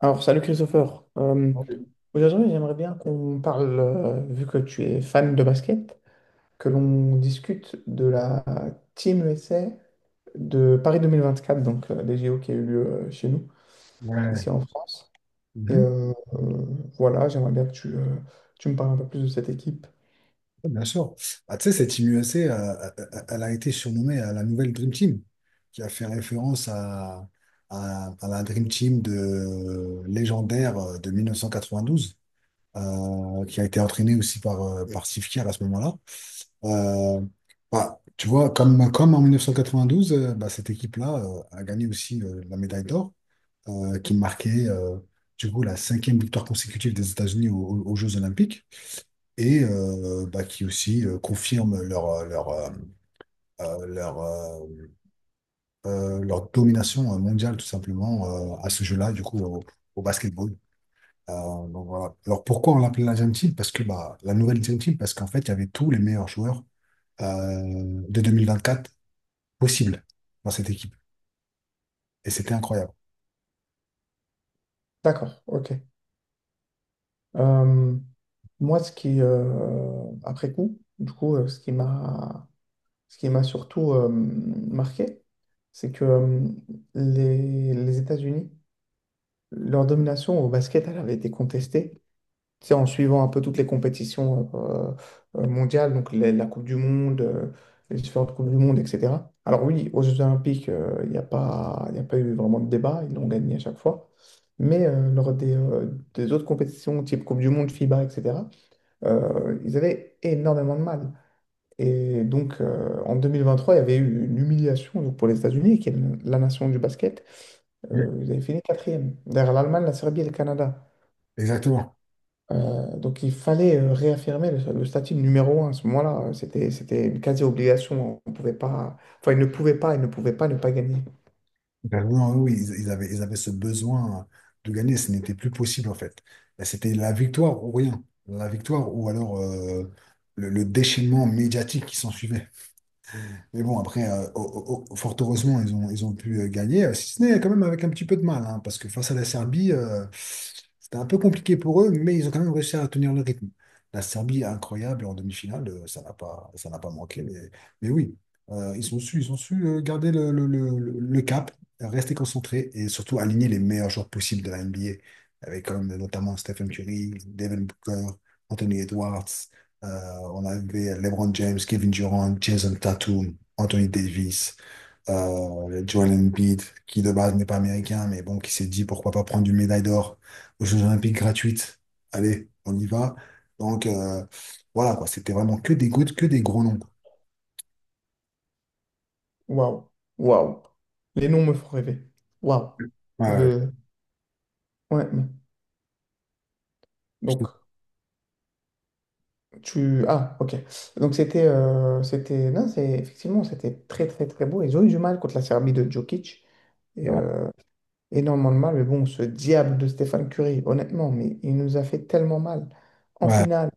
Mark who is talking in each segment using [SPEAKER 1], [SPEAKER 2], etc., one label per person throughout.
[SPEAKER 1] Alors, salut Christopher.
[SPEAKER 2] Ouais,
[SPEAKER 1] Aujourd'hui, j'aimerais bien qu'on parle, vu que tu es fan de basket, que l'on discute de la Team USA de Paris 2024, donc des JO qui a eu lieu chez nous,
[SPEAKER 2] ouais.
[SPEAKER 1] ici en France. Et
[SPEAKER 2] Mhm.
[SPEAKER 1] euh, euh, voilà, j'aimerais bien que tu me parles un peu plus de cette équipe.
[SPEAKER 2] Ouais, bien sûr. Tu sais, cette Team USA, elle a été surnommée la nouvelle Dream Team, qui a fait référence à la Dream Team légendaire de 1992, qui a été entraînée aussi par Steve Kerr à ce moment-là. Euh, tu vois, comme en 1992, cette équipe-là a gagné aussi la médaille d'or, qui marquait du coup la cinquième victoire consécutive des États-Unis aux Jeux Olympiques. Et qui aussi confirment euh, leur, euh, leur domination mondiale, tout simplement, à ce jeu-là, du coup, au basketball. Donc voilà. Alors pourquoi on l'appelait la Dream Team? Parce que la nouvelle Dream Team, parce qu'en fait, il y avait tous les meilleurs joueurs de quatre possibles dans cette équipe. Et c'était incroyable.
[SPEAKER 1] D'accord, ok. Euh, Moi, ce qui, après coup, du coup, ce qui m'a Ce qui m'a surtout marqué, c'est que les États-Unis, leur domination au basket, elle avait été contestée. Tu sais, en suivant un peu toutes les compétitions mondiales, donc la Coupe du Monde, les différentes Coupes du Monde, etc. Alors oui, aux Jeux Olympiques, il n'y a pas, il n'y a pas eu vraiment de débat, ils l'ont gagné à chaque fois. Mais lors des autres compétitions, type Coupe du Monde, FIBA, etc., ils avaient énormément de mal. Et donc, en 2023, il y avait eu une humiliation donc, pour les États-Unis, qui est la nation du basket.
[SPEAKER 2] Ouais.
[SPEAKER 1] Ils avaient fini quatrième, derrière l'Allemagne, la Serbie et le Canada.
[SPEAKER 2] Exactement.
[SPEAKER 1] Donc, il fallait réaffirmer le statut de numéro un à ce moment-là. C'était une quasi-obligation. On pouvait pas... Enfin, ils ne pouvaient pas, ils ne pouvaient pas ne pas gagner.
[SPEAKER 2] Ben oui, oui, oui, ils avaient ce besoin de gagner, ce n'était plus possible en fait. Ben, c'était la victoire ou rien, la victoire ou alors le déchaînement médiatique qui s'en suivait. Mais bon, après, fort heureusement, ils ont pu gagner, si ce n'est quand même avec un petit peu de mal, hein, parce que face à la Serbie, c'était un peu compliqué pour eux, mais ils ont quand même réussi à tenir le rythme. La Serbie est incroyable en demi-finale, ça n'a pas manqué, mais oui, ils ont su garder le cap, rester concentrés et surtout aligner les meilleurs joueurs possibles de la NBA, avec quand même notamment Stephen Curry, Devin Booker, Anthony Edwards, euh, on avait LeBron James, Kevin Durant, Jason Tatum. Anthony Davis, Joel Embiid, qui de base n'est pas américain, mais bon, qui s'est dit pourquoi pas prendre une médaille d'or aux Jeux Olympiques gratuites. Allez, on y va. Donc euh, voilà, quoi, c'était vraiment que des gouttes, que des gros noms, quoi.
[SPEAKER 1] Waouh, waouh. Les noms me font rêver. Waouh.
[SPEAKER 2] Ouais, ouais,
[SPEAKER 1] Je... Ouais.
[SPEAKER 2] je
[SPEAKER 1] Donc,
[SPEAKER 2] te-
[SPEAKER 1] tu... Ah, ok. Donc c'était... c'était... Non, c'est... Effectivement, c'était très, très, très beau. Ils ont eu du mal contre la Serbie de Djokic.
[SPEAKER 2] c'est
[SPEAKER 1] Et,
[SPEAKER 2] vrai.
[SPEAKER 1] euh, énormément de mal. Mais bon, ce diable de Stéphane Curry, honnêtement, mais il nous a fait tellement mal. En
[SPEAKER 2] Ouais,
[SPEAKER 1] finale,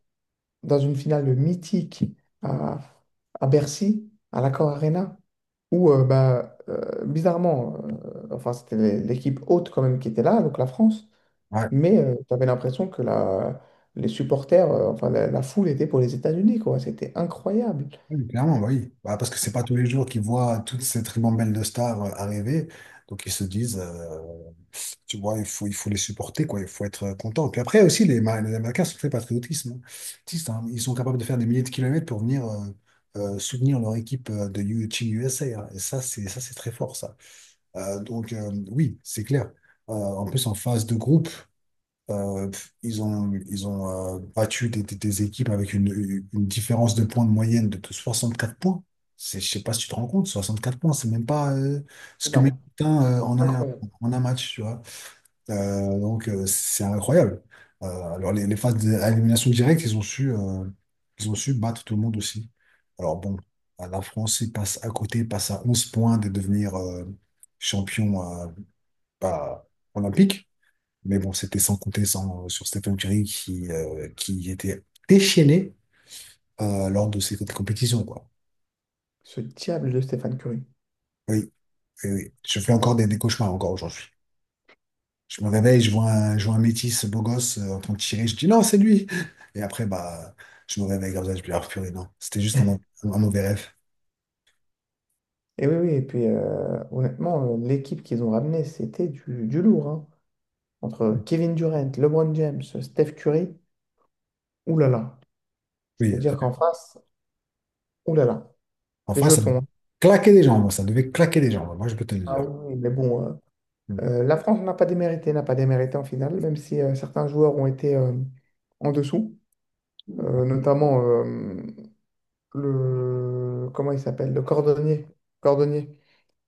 [SPEAKER 1] dans une finale mythique à, à Bercy, à l'Accor Arena, où, bizarrement, c'était l'équipe haute quand même qui était là, donc la France.
[SPEAKER 2] ouais.
[SPEAKER 1] Mais tu avais l'impression que les supporters, enfin la foule était pour les États-Unis, quoi. C'était incroyable.
[SPEAKER 2] Oui, clairement, bah oui. Bah, parce que c'est pas tous les jours qu'ils voient toute cette ribambelle de stars arriver, donc ils se disent, tu vois, il faut les supporter, quoi. Il faut être content. Puis après aussi, les Américains sont très patriotisme, hein. Patriotistes, hein. Ils sont capables de faire des milliers de kilomètres pour venir soutenir leur équipe de Team USA, hein. Et ça, c'est très fort, ça. Oui, c'est clair. En plus, en phase de groupe, ils ont battu des équipes avec une différence de points de moyenne de 64 points. Je sais pas si tu te rends compte, 64 points, c'est même pas ce que met
[SPEAKER 1] Énorme.
[SPEAKER 2] Putain,
[SPEAKER 1] Incroyable.
[SPEAKER 2] en un match, tu vois. C'est incroyable. Euh, alors, les phases d'élimination directe, ils ont su battre tout le monde aussi. Alors, bon, la France, ils passent à côté, passe à 11 points de devenir champion bah, olympique. Mais bon, c'était sans compter sans, sur Stephen Curry qui était déchaîné lors de cette compétition, quoi.
[SPEAKER 1] Ce diable de Stéphane Curry.
[SPEAKER 2] Oui, oui, oui. Je fais encore des cauchemars encore aujourd'hui. Je me réveille, je vois un métis beau gosse en train de tirer, je dis non, c'est lui. Et après, bah, je me réveille comme ça, je me dis, ah purée, non, c'était juste un mauvais rêve.
[SPEAKER 1] Oui, et puis honnêtement, l'équipe qu'ils ont ramenée, c'était du lourd, hein. Entre Kevin Durant, LeBron James, Steph Curry, oulala.
[SPEAKER 2] Oui, euh,
[SPEAKER 1] C'est-à-dire qu'en face, oulala. Les
[SPEAKER 2] ça
[SPEAKER 1] jetons, hein.
[SPEAKER 2] claquait des jambes, ça devait claquer des jambes, moi je peux te le
[SPEAKER 1] Ah
[SPEAKER 2] dire.
[SPEAKER 1] oui, mais bon, euh,
[SPEAKER 2] Mm.
[SPEAKER 1] euh, la France n'a pas démérité, n'a pas démérité en finale, même si certains joueurs ont été en dessous, notamment le comment il s'appelle? Le cordonnier. Cordonnier.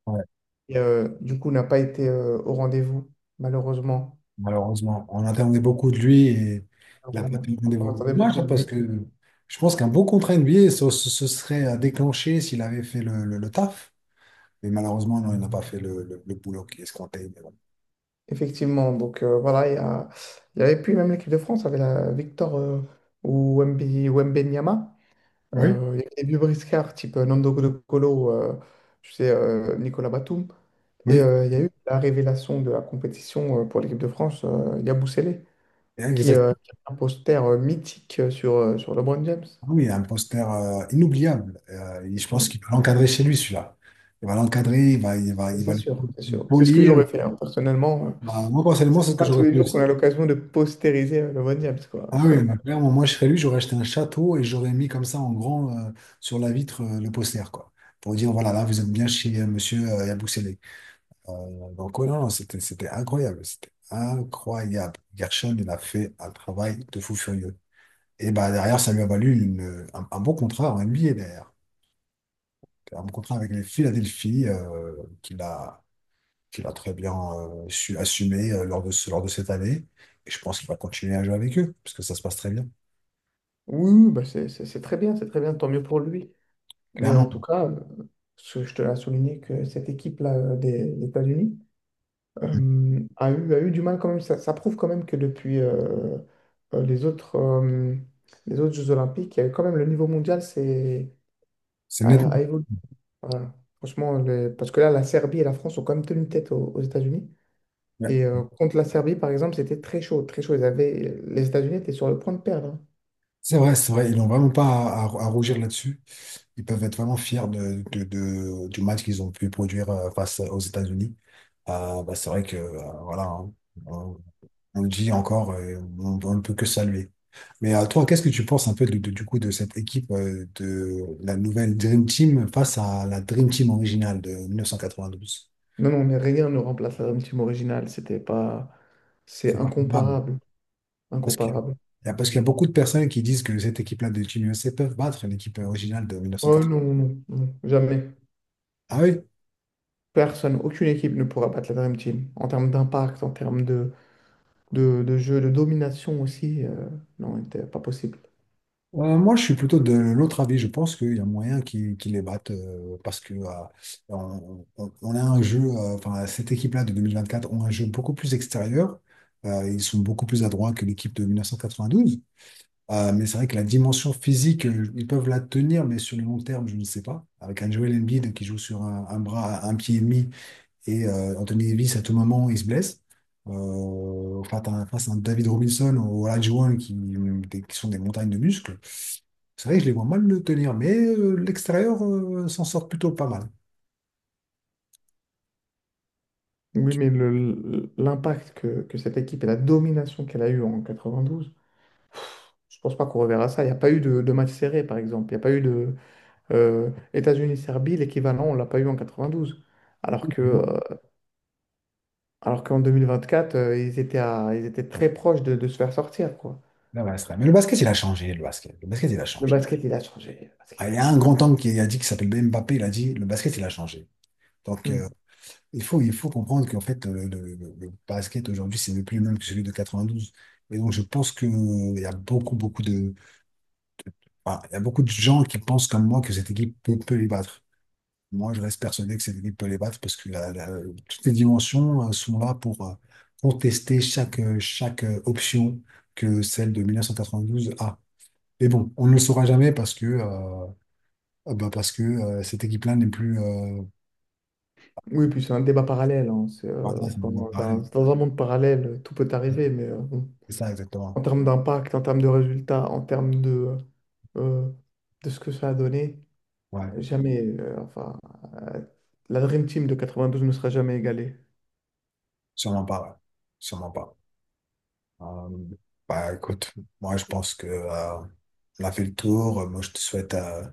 [SPEAKER 2] Ouais,
[SPEAKER 1] Et du coup, n'a pas été au rendez-vous, malheureusement.
[SPEAKER 2] malheureusement, on attendait beaucoup de lui et il a pas
[SPEAKER 1] Malheureusement.
[SPEAKER 2] pris le
[SPEAKER 1] On
[SPEAKER 2] rendez-vous.
[SPEAKER 1] attendait beaucoup
[SPEAKER 2] Dommage, hein,
[SPEAKER 1] de
[SPEAKER 2] parce
[SPEAKER 1] lui.
[SPEAKER 2] que je pense qu'un beau contrat NBA se serait déclenché s'il avait fait le taf. Mais malheureusement, non, il n'a pas fait le boulot qui est escompté, mais bon.
[SPEAKER 1] Effectivement. Donc voilà, il y avait plus même l'équipe de France avait la Victor ou Wembenyama.
[SPEAKER 2] Oui,
[SPEAKER 1] Il y avait des vieux briscards type Nando Colo, Colo, tu sais, Nicolas Batum. Et
[SPEAKER 2] oui.
[SPEAKER 1] euh, il y a eu la révélation de la compétition pour l'équipe de France, Yabusele,
[SPEAKER 2] Exactement.
[SPEAKER 1] qui a un poster mythique sur sur LeBron James.
[SPEAKER 2] Oui, un poster inoubliable. Et je pense
[SPEAKER 1] Mm.
[SPEAKER 2] qu'il peut l'encadrer chez lui, celui-là. Il va l'encadrer, il
[SPEAKER 1] C'est
[SPEAKER 2] va
[SPEAKER 1] sûr, c'est
[SPEAKER 2] le
[SPEAKER 1] sûr. C'est ce que
[SPEAKER 2] polir.
[SPEAKER 1] j'aurais fait, hein. Personnellement,
[SPEAKER 2] Bah, moi, personnellement, c'est ce
[SPEAKER 1] c'est
[SPEAKER 2] que
[SPEAKER 1] pas tous
[SPEAKER 2] j'aurais
[SPEAKER 1] les
[SPEAKER 2] fait
[SPEAKER 1] jours qu'on
[SPEAKER 2] aussi.
[SPEAKER 1] a l'occasion de postériser le Von James, quoi.
[SPEAKER 2] Ah oui, bah, clairement, moi, je serais lui, j'aurais acheté un château et j'aurais mis comme ça en grand sur la vitre le poster, quoi. Pour dire, voilà, là, vous êtes bien chez monsieur Yabousselé. Ouais, non, c'était incroyable. C'était incroyable. Gershon, il a fait un travail de fou furieux. Et bah, derrière, ça lui a valu un bon contrat en NBA, derrière. Un bon contrat avec les Philadelphie, qu'il a, qu'il a très bien su assumer lors de cette année. Et je pense qu'il va continuer à jouer avec eux, parce que ça se passe très bien,
[SPEAKER 1] Oui, oui, bah c'est très bien, c'est très bien, tant mieux pour lui. Mais en
[SPEAKER 2] clairement.
[SPEAKER 1] tout cas, je te l'ai souligné que cette équipe-là des États-Unis a eu du mal quand même. Ça prouve quand même que depuis euh, les autres, euh, les autres Jeux Olympiques, quand même le niveau mondial
[SPEAKER 2] C'est net.
[SPEAKER 1] a évolué. Voilà. Franchement, parce que là, la Serbie et la France ont quand même tenu tête aux États-Unis.
[SPEAKER 2] Ouais.
[SPEAKER 1] Et contre la Serbie, par exemple, c'était très chaud, très chaud. Ils avaient... Les États-Unis étaient sur le point de perdre, hein.
[SPEAKER 2] C'est vrai, c'est vrai. Ils n'ont vraiment pas à rougir là-dessus. Ils peuvent être vraiment fiers du match qu'ils ont pu produire face aux États-Unis. C'est vrai que, voilà, hein, on le dit encore, on ne peut que saluer. Toi, qu'est-ce que tu penses un peu du coup de cette équipe de la nouvelle Dream Team face à la Dream Team originale de 1992?
[SPEAKER 1] Non, non, mais rien ne remplace la Dream Team originale. C'était pas... C'est
[SPEAKER 2] C'est pas comparable.
[SPEAKER 1] incomparable.
[SPEAKER 2] Parce qu'il
[SPEAKER 1] Incomparable.
[SPEAKER 2] parce qu'il y a beaucoup de personnes qui disent que cette équipe-là de Team USA peuvent battre l'équipe originale de
[SPEAKER 1] Oh
[SPEAKER 2] 1992.
[SPEAKER 1] non, non, non, jamais.
[SPEAKER 2] Ah oui?
[SPEAKER 1] Personne, aucune équipe ne pourra battre la Dream Team. En termes d'impact, en termes de jeu, de domination aussi, non, c'était pas possible.
[SPEAKER 2] Moi, je suis plutôt de l'autre avis. Je pense qu'il y a moyen qu'ils les battent parce que on a un jeu, cette équipe-là de 2024 ont un jeu beaucoup plus extérieur. Ils sont beaucoup plus adroits que l'équipe de 1992. Mais c'est vrai que la dimension physique, ils peuvent la tenir, mais sur le long terme, je ne sais pas. Avec un Joel Embiid qui joue sur un bras, un pied et demi, et Anthony Davis, à tout moment, il se blesse. Face à un David Robinson ou Olajuwon qui sont des montagnes de muscles. C'est vrai que je les vois mal le tenir, mais l'extérieur s'en sort plutôt pas mal.
[SPEAKER 1] Oui, mais l'impact que cette équipe et la domination qu'elle a eue en 92, je pense pas qu'on reverra ça. Il n'y a pas eu de match serré, par exemple. Il n'y a pas eu de... États-Unis-Serbie, l'équivalent, on l'a pas eu en quatre-vingt-douze. Alors que,
[SPEAKER 2] Donc,
[SPEAKER 1] euh, alors qu'en 2024, ils étaient très proches de se faire sortir, quoi.
[SPEAKER 2] là, voilà, c'est vrai. Mais le basket, il a changé, le basket. Le basket, il a
[SPEAKER 1] Le
[SPEAKER 2] changé.
[SPEAKER 1] basket, il a changé. Le basket,
[SPEAKER 2] Ah,
[SPEAKER 1] il
[SPEAKER 2] il y
[SPEAKER 1] a
[SPEAKER 2] a un
[SPEAKER 1] changé.
[SPEAKER 2] grand homme qui a dit, qui s'appelle Mbappé, il a dit, le basket, il a changé. Donc, euh,
[SPEAKER 1] Hmm.
[SPEAKER 2] il faut comprendre qu'en fait, le basket aujourd'hui, c'est plus le même que celui de 92. Et donc, je pense que, il y a beaucoup, beaucoup de, enfin, il y a beaucoup de gens qui pensent comme moi que cette équipe peut les battre. Moi, je reste persuadé que cette équipe peut les battre parce que toutes les dimensions sont là pour contester chaque option que celle de 1992 a. Mais bon, on ne le saura jamais parce que, cette équipe-là n'est plus.
[SPEAKER 1] Oui, puis c'est un débat parallèle, hein. C'est,
[SPEAKER 2] Voilà,
[SPEAKER 1] euh,
[SPEAKER 2] c'est
[SPEAKER 1] enfin,
[SPEAKER 2] mon
[SPEAKER 1] dans,
[SPEAKER 2] appareil.
[SPEAKER 1] dans un monde parallèle, tout peut arriver, mais bon.
[SPEAKER 2] C'est ça, exactement.
[SPEAKER 1] En termes d'impact, en termes de résultats, en termes euh, de ce que ça a donné,
[SPEAKER 2] Ouais,
[SPEAKER 1] jamais, euh, la Dream Team de 92 ne sera jamais égalée.
[SPEAKER 2] sûrement pas, ouais. Sûrement pas. Euh, écoute, moi, je pense que on a fait le tour. Moi, je te souhaite euh,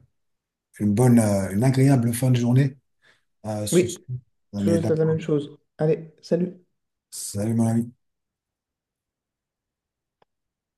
[SPEAKER 2] une bonne, euh, une agréable fin de journée sur
[SPEAKER 1] Oui,
[SPEAKER 2] ce. On est là.
[SPEAKER 1] toujours la même chose. Allez, salut.
[SPEAKER 2] Salut Marie.